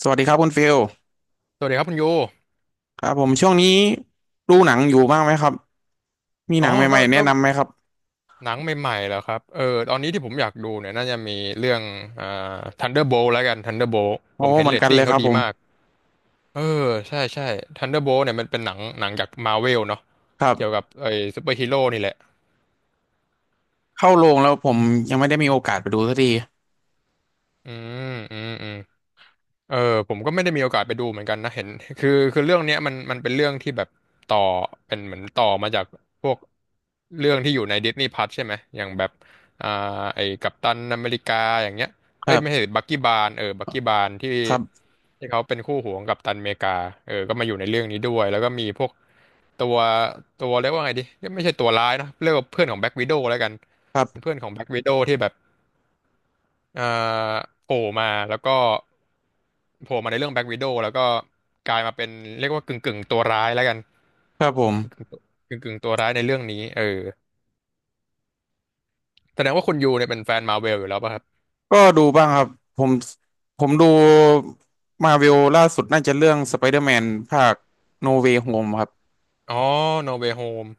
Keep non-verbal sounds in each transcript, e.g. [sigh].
สวัสดีครับคุณฟิลสวัสดีครับคุณยูครับผมช่วงนี้ดูหนังอยู่บ้างไหมครับมีอ๋หอนังใหก็ม่ๆแนะก็นำไหมครับหนังใหม่ๆแล้วครับเออตอนนี้ที่ผมอยากดูเนี่ยน่าจะมีเรื่องอ่า Thunderbolt แล้วกัน Thunderbolt โอ้ผมเห็นเหมือเรนตกันเลติ้งยคเขารับดีผมมาก เออ ใช่ใช่ Thunderbolt เนี่ยมันเป็นหนังจาก Marvel เนาะครัเกี่ยวกับบไอ้ซูเปอร์ฮีโร่นี่แหละเข้าโรงแล้วผอืมยังไม่ได้มมีโอกาสไปดูสักทีอืมอืมอืม เออผมก็ไม่ได้มีโอกาสไปดูเหมือนกันนะเห็น [laughs] คือเรื่องเนี้ยมันเป็นเรื่องที่แบบต่อเป็นเหมือนต่อมาจากพวกเรื่องที่อยู่ในดิสนีย์พ u ัทใช่ไหมอย่างแบบอ่าไอ้กัปตันอเมริกาอย่างเงี้ยคเอ้ยรัไม่ใช่บบักกี้บาร์นเออบักกี้บาร์นที่ครับที่เขาเป็นคู่หูของกัปตันอเมริกาเออก็มาอยู่ในเรื่องนี้ด้วยแล้วก็มีพวกตัวตัวเรียกว่าไงดีไม่ใช่ตัวร้ายนะเรียกว่าเพื่อนของแบ็กวิโดว์แล้วกันครัเป็นเพื่บอนของแบ็กวิโดว์ที่แบบเอ่าโผล่มาแล้วก็ โผล่มาในเรื่องแบ็ k ว i ด o w แล้วก็กลายมาเป็นเรียกว่ากึ่งตัวร้ายแล้วกันครับผมกึ่งตัวร้ายในเรื่องนี้เออแสดงว่าคุณยูเนี่ยเป็นแฟนมาเวลอยู่แล้วป่ะครับก็ดูบ้างครับผมดูมาเวลล่าสุดน่าจะเรื่องสไปเดอร์แมนภาคโนเว y h โฮมครับอ๋อ No Way Home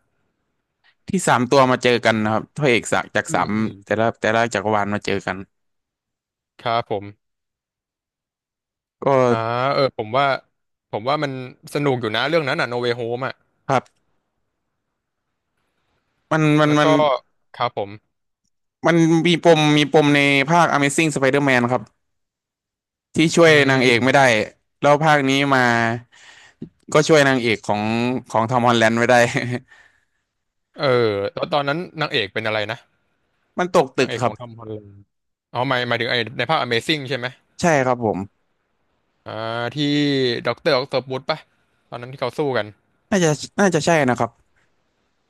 ที่สามตัวมาเจอกันนะครับพระเอกจากอืสามมอืมแต่ละแต่ละจักรวาลมาเจอกันครับผมก็อ่าเออผมว่ามันสนุกอยู่นะเรื่องนั้นอ่ะ No Way Home อ่ะครับมันมันแล้วมัน ก็ครับผมมันมีปมในภาค Amazing Spider-Man ครับที่ช่วอืยนางเอกไม่ได้มแล้วภาคนี้มาก็ช่วยนางเอกของทอมฮอลแลนด์ไม่ได้ เออแล้วตอนนั้นนางเอกเป็นอะไรนะ [laughs] มันตกตึนากงเอกคขรัอบงทอมฮอลแลนด์อ๋อหมายถึงไอ้ในภาค Amazing ใช่ไหมใช่ครับผมอ่าที่ด็อกเตอร์ออกโตปุสป่ะตอนนั้นที่เขาสู้กัน น่าจะน่าจะใช่นะครับ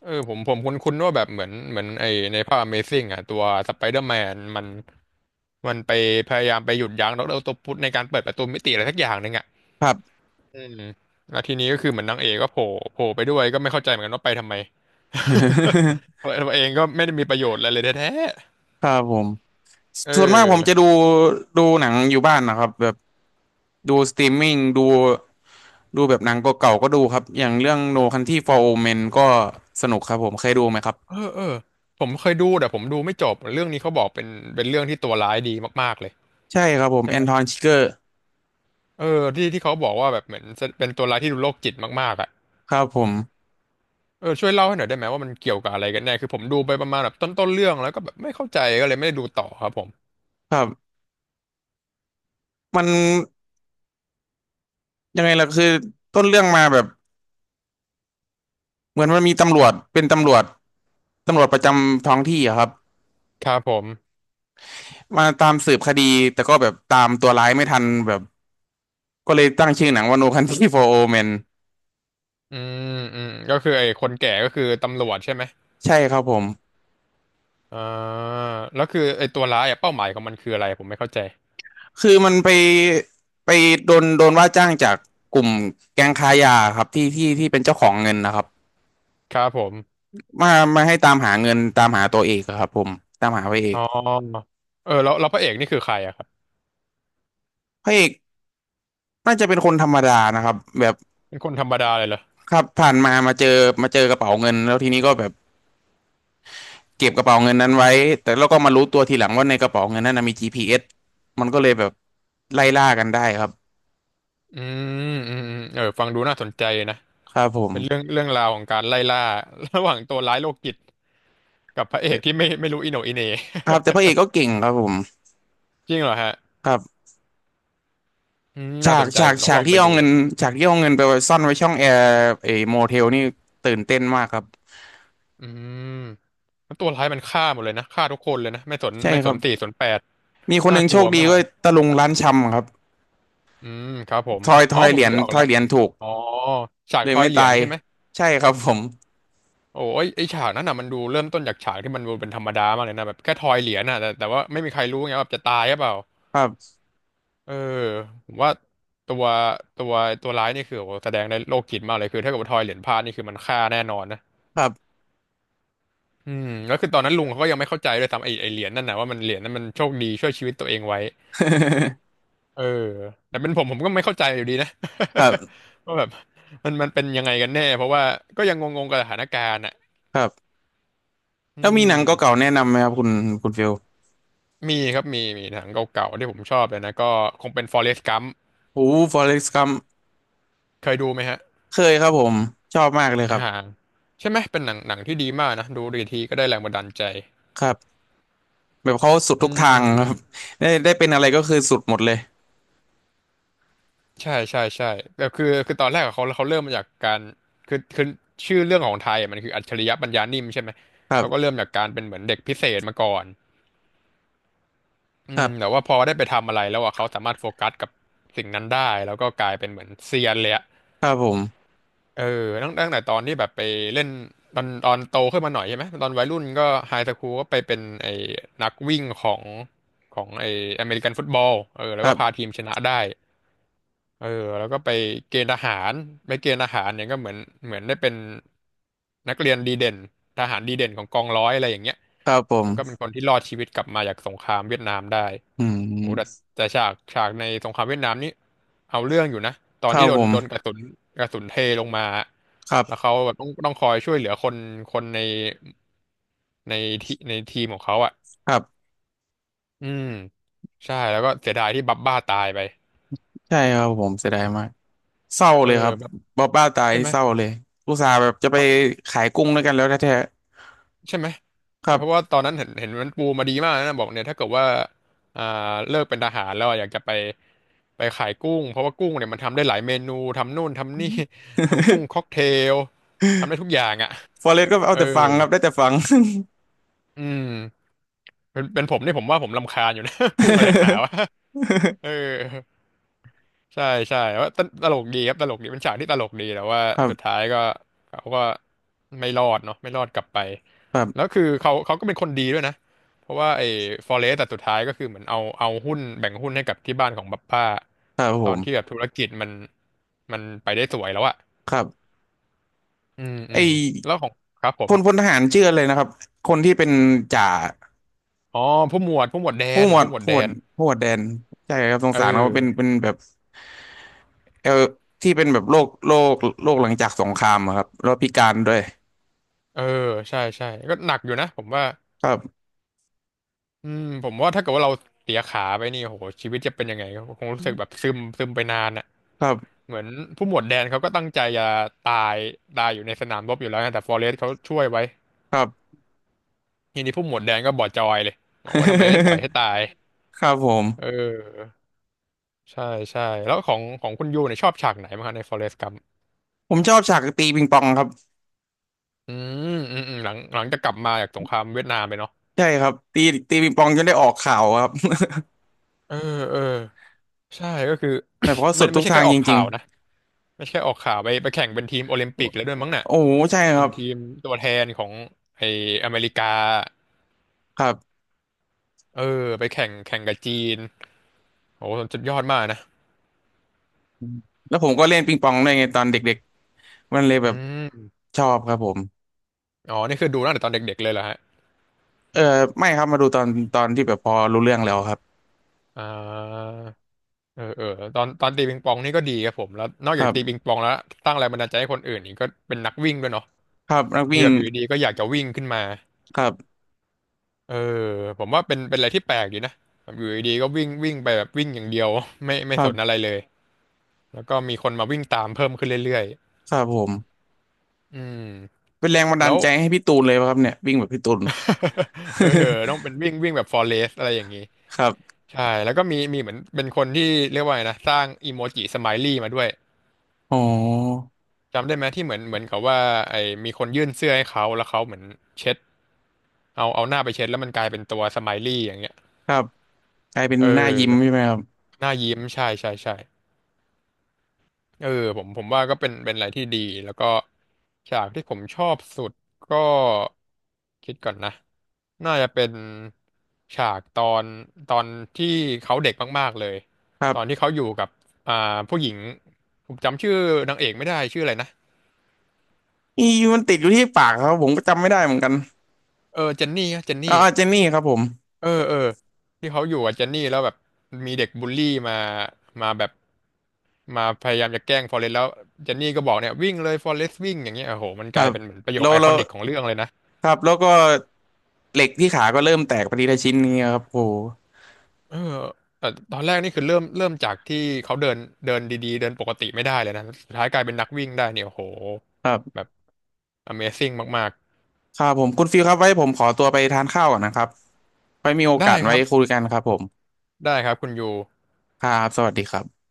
เออผมคุ้นๆว่าแบบเหมือนไอในภาพ Amazing อ่ะตัวสไปเดอร์แมนมันไปพยายามไปหยุดยั้งดรออคโตปุสในการเปิดประตูมิติอะไรสักอย่างหนึ่งอ่ะครับ อืมแล้วทีนี้ก็คือเหมือนนางเอกก็โผล่ไปด้วยก็ไม่เข้าใจเหมือนกันว่าไปทำไม [laughs] [laughs] เพราะตัวเองก็ไม่ได้มีประโยชน์อะไรเลยแท้ครับผมๆอส่วนมากผมจะดูดูหนังอยู่บ้านนะครับแบบดูสตรีมมิ่งดูแบบหนังเก่าๆก็ดูครับอย่างเรื่อง No Country for Old Men ก็สนุกครับผมเคยดูไหมครับเออเออผมเคยดูแต่ผมดูไม่จบเรื่องนี้เขาบอกเป็นเรื่องที่ตัวร้ายดีมากๆเลยใช่ครับผมใช่แอไหมนทอนชิเกอร์เออที่เขาบอกว่าแบบเหมือนเป็นตัวร้ายที่ดูโรคจิตมากๆอ่ะ ครับผมเออช่วยเล่าให้หน่อยได้ไหมว่ามันเกี่ยวกับอะไรกันแน่คือผมดูไปประมาณแบบต้นเรื่องแล้วก็แบบไม่เข้าใจก็เลยไม่ได้ดูต่อครับผมครับ มันยังไงล่ะคือต้นเรื่องมาแบบเหมือนมันมีตำรวจเป็นตำรวจตำรวจประจำท้องที่อะครับครับผมมาตามสืบคดีแต่ก็แบบตามตัวร้ายไม่ทันแบบก็เลยตั้งชื่อหนังว่า No Country for Old Men อืมอืมก็คือไอ้คนแก่ก็คือตำรวจใช่ไหมใช่ครับผมอ่าแล้วคือไอ้ตัวร้ายอะเป้าหมายของมันคืออะไรผมไม่เข้าใจคือมันไปไปโดนว่าจ้างจากกลุ่มแก๊งค้ายาครับที่เป็นเจ้าของเงินนะครับครับผมมามาให้ตามหาเงินตามหาตัวเอกอะครับผมตามหาพระเออ๋กอเออแล้วพระเอกนี่คือใครอะครับพระเอกน่าจะเป็นคนธรรมดานะครับแบบเป็นคนธรรมดาเลยเหรอครับผ่านมามาเจอมาเจอกระเป๋าเงินแล้วทีนี้ก็แบบ เก็บกระเป๋าเงินนั้นไว้ แต่เราก็มารู้ตัวทีหลังว่าในกระเป๋าเงินนั้นนะมี GPS มันก็เลยแบบไล่ล่ากันได้ครับอืมอืมอืมเออฟังดูน่าสนใจนะครับผมเป็นเรื่องราวของการไล่ล่า [laughs] ระหว่างตัวร้ายโรคจิตกับพระเอแต่กที่ไม่รู้อิโหนอิเหน่ ค [laughs] รับแต่พระเอกก็เก่งครับผมจริงเหรอฮะ ครับอืมน่าฉาสกนใจฉาผกมต้องฉาลกองไปที่เอาดูเงินฉากที่เอาเงินไปไว้ซ่อนไว้ช่องแอร์ไอโมเทลนี่ตื่นเต้นมากครับอืมแล้วตัวร้ายมันฆ่าหมดเลยนะฆ่าทุกคนเลยนะไม่สนใช่ไม่คสรันบ สี่สนแปดมีคนหน่านึ่งกโชลัควดีมาก็กตะลุงร้านชำครับอืมครับผมทอยทอ๋ออยผเหมรียนึญกออกทอแล้ยวเหรียญถูกอ๋อฉากเลทยอยไม่เหรียตาญยใช่ไหมใช่ครับผมโอ้ยไอฉากนั้นน่ะมันดูเริ่มต้นจากฉากที่มันดูเป็นธรรมดามากเลยนะแบบแค่ทอยเหรียญน่ะแต่ว่าไม่มีใครรู้ไงว่าแบบจะตายหรือเปล่าครับเออผมว่าตัวตัวตัวร้ายนี่คือโอ้โหแสดงได้โรคจิตมากเลยคือถ้าเกิดว่าทอยเหรียญพลาดนี่คือมันฆ่าแน่นอนนะ ครับ อืมแล้วคือตอนนั้นลุงเขาก็ยังไม่เข้าใจเลยทำไอ้เหรียญนั่นนะว่ามันเหรียญนั้นมันโชคดีช่วยชีวิตตัวเองไว้เออแต่เป็นผมก็ไม่เข้าใจอยู่ดีนะ [laughs] ครับ [laughs] ว่าแบบมันเป็นยังไงกันแน่เพราะว่าก็ยังงงๆกับสถานการณ์อ่ะครับอืแล้วมีหนังเก่ามๆแนะนำไหมครับคุณฟิลมีครับมีมีหนังเก่าๆที่ผมชอบเลยนะก็คงเป็น Forrest Gump โอ้ฟอเร็กซ์กัม เคยดูไหมฮะเคยครับผมชอบมากเลยครัอ่าบใช่ไหมเป็นหนังที่ดีมากนะดูรีทีก็ได้แรงบันดาลใจครับแบบเขาสุดทุอืกทางม ครับ [laughs] ได้ได้เป็นอะไรก็คือสุดหมดเลยใช่ใช่ใช่แบบคือตอนแรกอะเขาเริ่มมาจากการคือคือชื่อเรื่องของไทยอะมันคืออัจฉริยะปัญญานิ่มใช่ไหมครัเขาก็บเริ่มจากการเป็นเหมือนเด็กพิเศษมาก่อนอืครัมแต่บว่าพอได้ไปทำอะไรแล้วอ่ะเขาสามารถโฟกัสกับสิ่งนั้นได้แล้วก็กลายเป็นเหมือนเซียนเลยอะครับผมเออตั้งแต่ตอนที่แบบไปเล่นตอนโตขึ้นมาหน่อยใช่ไหมตอนวัยรุ่นก็ไฮสคูลก็ไปเป็นไอ้นักวิ่งของของไอ้อเมริกันฟุตบอลเออคแล้วรัก็พาบทีมชนะได้ เออแล้วก็ไปเกณฑ์ทหารไปเกณฑ์ทหารเนี่ยก็เหมือนเหมือนได้เป็นนักเรียนดีเด่นทหารดีเด่นของกองร้อยอะไรอย่างเงี้ยครับผมแล้วก็เป็นคนที่รอดชีวิตกลับมาจากสงครามเวียดนามได้อืโอ้แต่มแต่ฉากในสงครามเวียดนามนี่เอาเรื่องอยู่นะตอคนรัที่บโดผนมโดนกระสุนกระสุนเทลงมาครัแล้วบเขาแบบต้องคอยช่วยเหลือคนคนในในในทีมของเขาอ่ะครับอืมใช่แล้วก็เสียดายที่บับบ้าตายไปใช่ครับผมเสียดายมากเศร้าเออเลยครับแบบบอบบ้าตายใช่ไหม เศร้าเลยอุตส่าห์แบบจะไปขายกุ้งด้วยกันแล้วแท้ใช่ไหมๆครับ เพราะว่าตอนนั้นเห็นเห็นมันปูมาดีมากนะบอกเนี่ยถ้าเกิดว่าอ่าเลิกเป็นทหารแล้วอะอยากจะไปไปขายกุ้งเพราะว่ากุ้งเนี่ยมันทำได้หลายเมนูทำนู่นทำนี่ [laughs] ทำกุ้งค็อกเทลทำได้ทุกอย่างอ่ะ [laughs] ฟอเรสก็เอาเออแต่ฟังครับได้แต่ฟัง อืมเป็นเป็นผมนี่ผมว่าผมรำคาญอยู่นะ [laughs] กุ้งอะไรนักหนาวะ [laughs] เออ ใช่ใช่ว่าตลกดีครับตลกดีเป็นฉากที่ตลกดีแต่ว่า [laughs] ครัสุดบท้ายก็เขาก็ไม่รอดเนาะไม่รอดกลับไปครัแล้วบคือเขาก็เป็นคนดีด้วยนะเพราะว่าไอ้ฟอเรสต์แต่สุดท้ายก็คือเหมือนเอาหุ้นแบ่งหุ้นให้กับที่บ้านของบัพป้าครับผตอนที่แบมบธุรกิจมันมันไปได้สวยแล้วอะครับอืมอืไอ มแล้วของครับผพมลพลทหารชื่ออะไรนะครับคนที่เป็นจ่าอ๋อผู้หมวดผู้หมวดแดผู้นหมวดผู้หมวดผู้แดหมวดนผู้หมวดแดนใช่ครับสงเออสารเขาเป็นเป็นแบบเออที่เป็นแบบโรคโรคหลังจากสงครามอะครับแล้วพิการด้วยเออใช่ใช่ก็หนักอยู่นะผมว่า ครับอืมผมว่าถ้าเกิดว่าเราเสียขาไปนี่โหชีวิตจะเป็นยังไงคงรู้สึกแบบซึมไปนานอ่ะครับเหมือนผู้หมวดแดนเขาก็ตั้งใจจะตายตายอยู่ในสนามรบอยู่แล้วนะแต่ฟอเรสต์เขาช่วยไว้ครับ ทีนี้ผู้หมวดแดนก็บอดจอยเลยบอกว่าทำไมไม่ปล่อยให้ [laughs] ตายครับผมเออใช่ใช่แล้วของของคุณยูเนี่ยชอบฉากไหนบ้างคะในฟอเรสต์กัมผมชอบฉากตีปิงปองครับอือืมอืมหลังหลังจะกลับมาจากสงครามเวียดนามไปเนาะใช่ครับตีปิงปองจนได้ออกข่าวครับ [laughs] เออเออใช่ก็คือ แบบเพราะ [coughs] มัสุนดไม่ทุกใช่ทาแค่งออจกริข่างวนะไม่ใช่แค่ออกข่าวไปไปแข่งเป็นทีมโอลิมปิกแล้วด้วยมั้งๆน่ะ โอ้โหใช่คเป็รันบทีมตัวแทนของไออเมริกาครับเออไปแข่งแข่งกับจีนโอ้โหสุดยอดมากนะแล้วผมก็เล่นปิงปองด้วยไงตอนเด็กๆมันเลยอืแบบมชอบครับผม อ๋อ นี่คือดูตั้งแต่ตอนเด็กๆเลยเหรอฮะเออไม่ครับมาดูตอนตอนที่แบบพอรู้เรื่องแล้วครับอ่าเออ เออตอนตีปิงปองนี่ก็ดีครับผม แล้วนอกคจากรัตีปิงบปองแล้วสร้างแรงบันดาลใจให้คนอื่นนี่ก็เป็นนักวิ่งด้วยเนาะครับนักที่วิ่งแบบอยู่ดีๆก็อยากจะวิ่งขึ้นมาครับเออผมว่าเป็นเป็นอะไรที่แปลกดีนะแบบอยู่ดีๆก็วิ่งวิ่งไปแบบวิ่งอย่างเดียว [laughs] ไม่ไม่ครัสนอะไรบเลยแล้วก็มีคนมาวิ่งตามเพิ่มขึ้นเรื่อยครับผมๆอืมเป็นแรงบันแล้ดาลว ใจให้พี่ตูนเลยป่ะครับเนี่ยวิ่งแบบพี่ตูน เออเออต้องเป็นวิ่งวิ่งแบบฟอเรสอะไรอย่างนี้ [laughs] ครับใช่ แล้วก็มีมีเหมือนเป็นคนที่เรียกว่าไงนะสร้างอีโมจิสไมลี่มาด้วย อ๋อจำได้ไหมที่เหมือนเหมือนกับว่าไอ้มีคนยื่นเสื้อให้เขาแล้วเขาเหมือนเช็ดเอาหน้าไปเช็ดแล้วมันกลายเป็นตัวสไมลี่อย่างเงี้ยครับกลายเป็นเอหน้ายิ้มใช่อ ไหมครับหน้ายิ้มใช่ใช่ใช่ เออผมว่าก็เป็นเป็นอะไรที่ดีแล้วก็ฉากที่ผมชอบสุดก็คิดก่อนนะน่าจะเป็นฉากตอนตอนที่เขาเด็กมากๆเลยครัตอนที่บเขาอยู่กับอ่าผู้หญิงผมจำชื่อนางเอกไม่ได้ชื่ออะไรนะอีมันติดอยู่ที่ปากครับผมก็จำไม่ได้เหมือนกันเออเจนนี่เจนอ๋อนี่เจนนี่ครับผมเออเออที่เขาอยู่กับเจนนี่แล้วแบบมีเด็กบูลลี่มามาแบบมาพยายามจะแกล้งฟอเรสต์แล้วเจนนี่ก็บอกเนี่ยวิ่งเลยฟอเรสต์วิ่งอย่างเงี้ยโอ้โหมันคกรัลายบเป็นเหมือนประโยแล้ควไอคแล้อวนิกของเรื่องเลยนะ ครับแล้วก็เหล็กที่ขาก็เริ่มแตกไปทีละชิ้นนี้ยครับโโหเออแต่ตอนแรกนี่คือเริ่มจากที่เขาเดินเดินดีๆเดินปกติไม่ได้เลยนะ สุดท้ายกลายเป็นนักวิ่งได้เนี่ยโอ้โหครัแบบ บ Amazing มากครับผมคุณฟิลครับไว้ผมขอตัวไปทานข้าวก่อนนะครับไว้มีโอๆกาได้สคไว้รับคุยกันครับผมได้ครับคุณยูครับสวัสดีครับ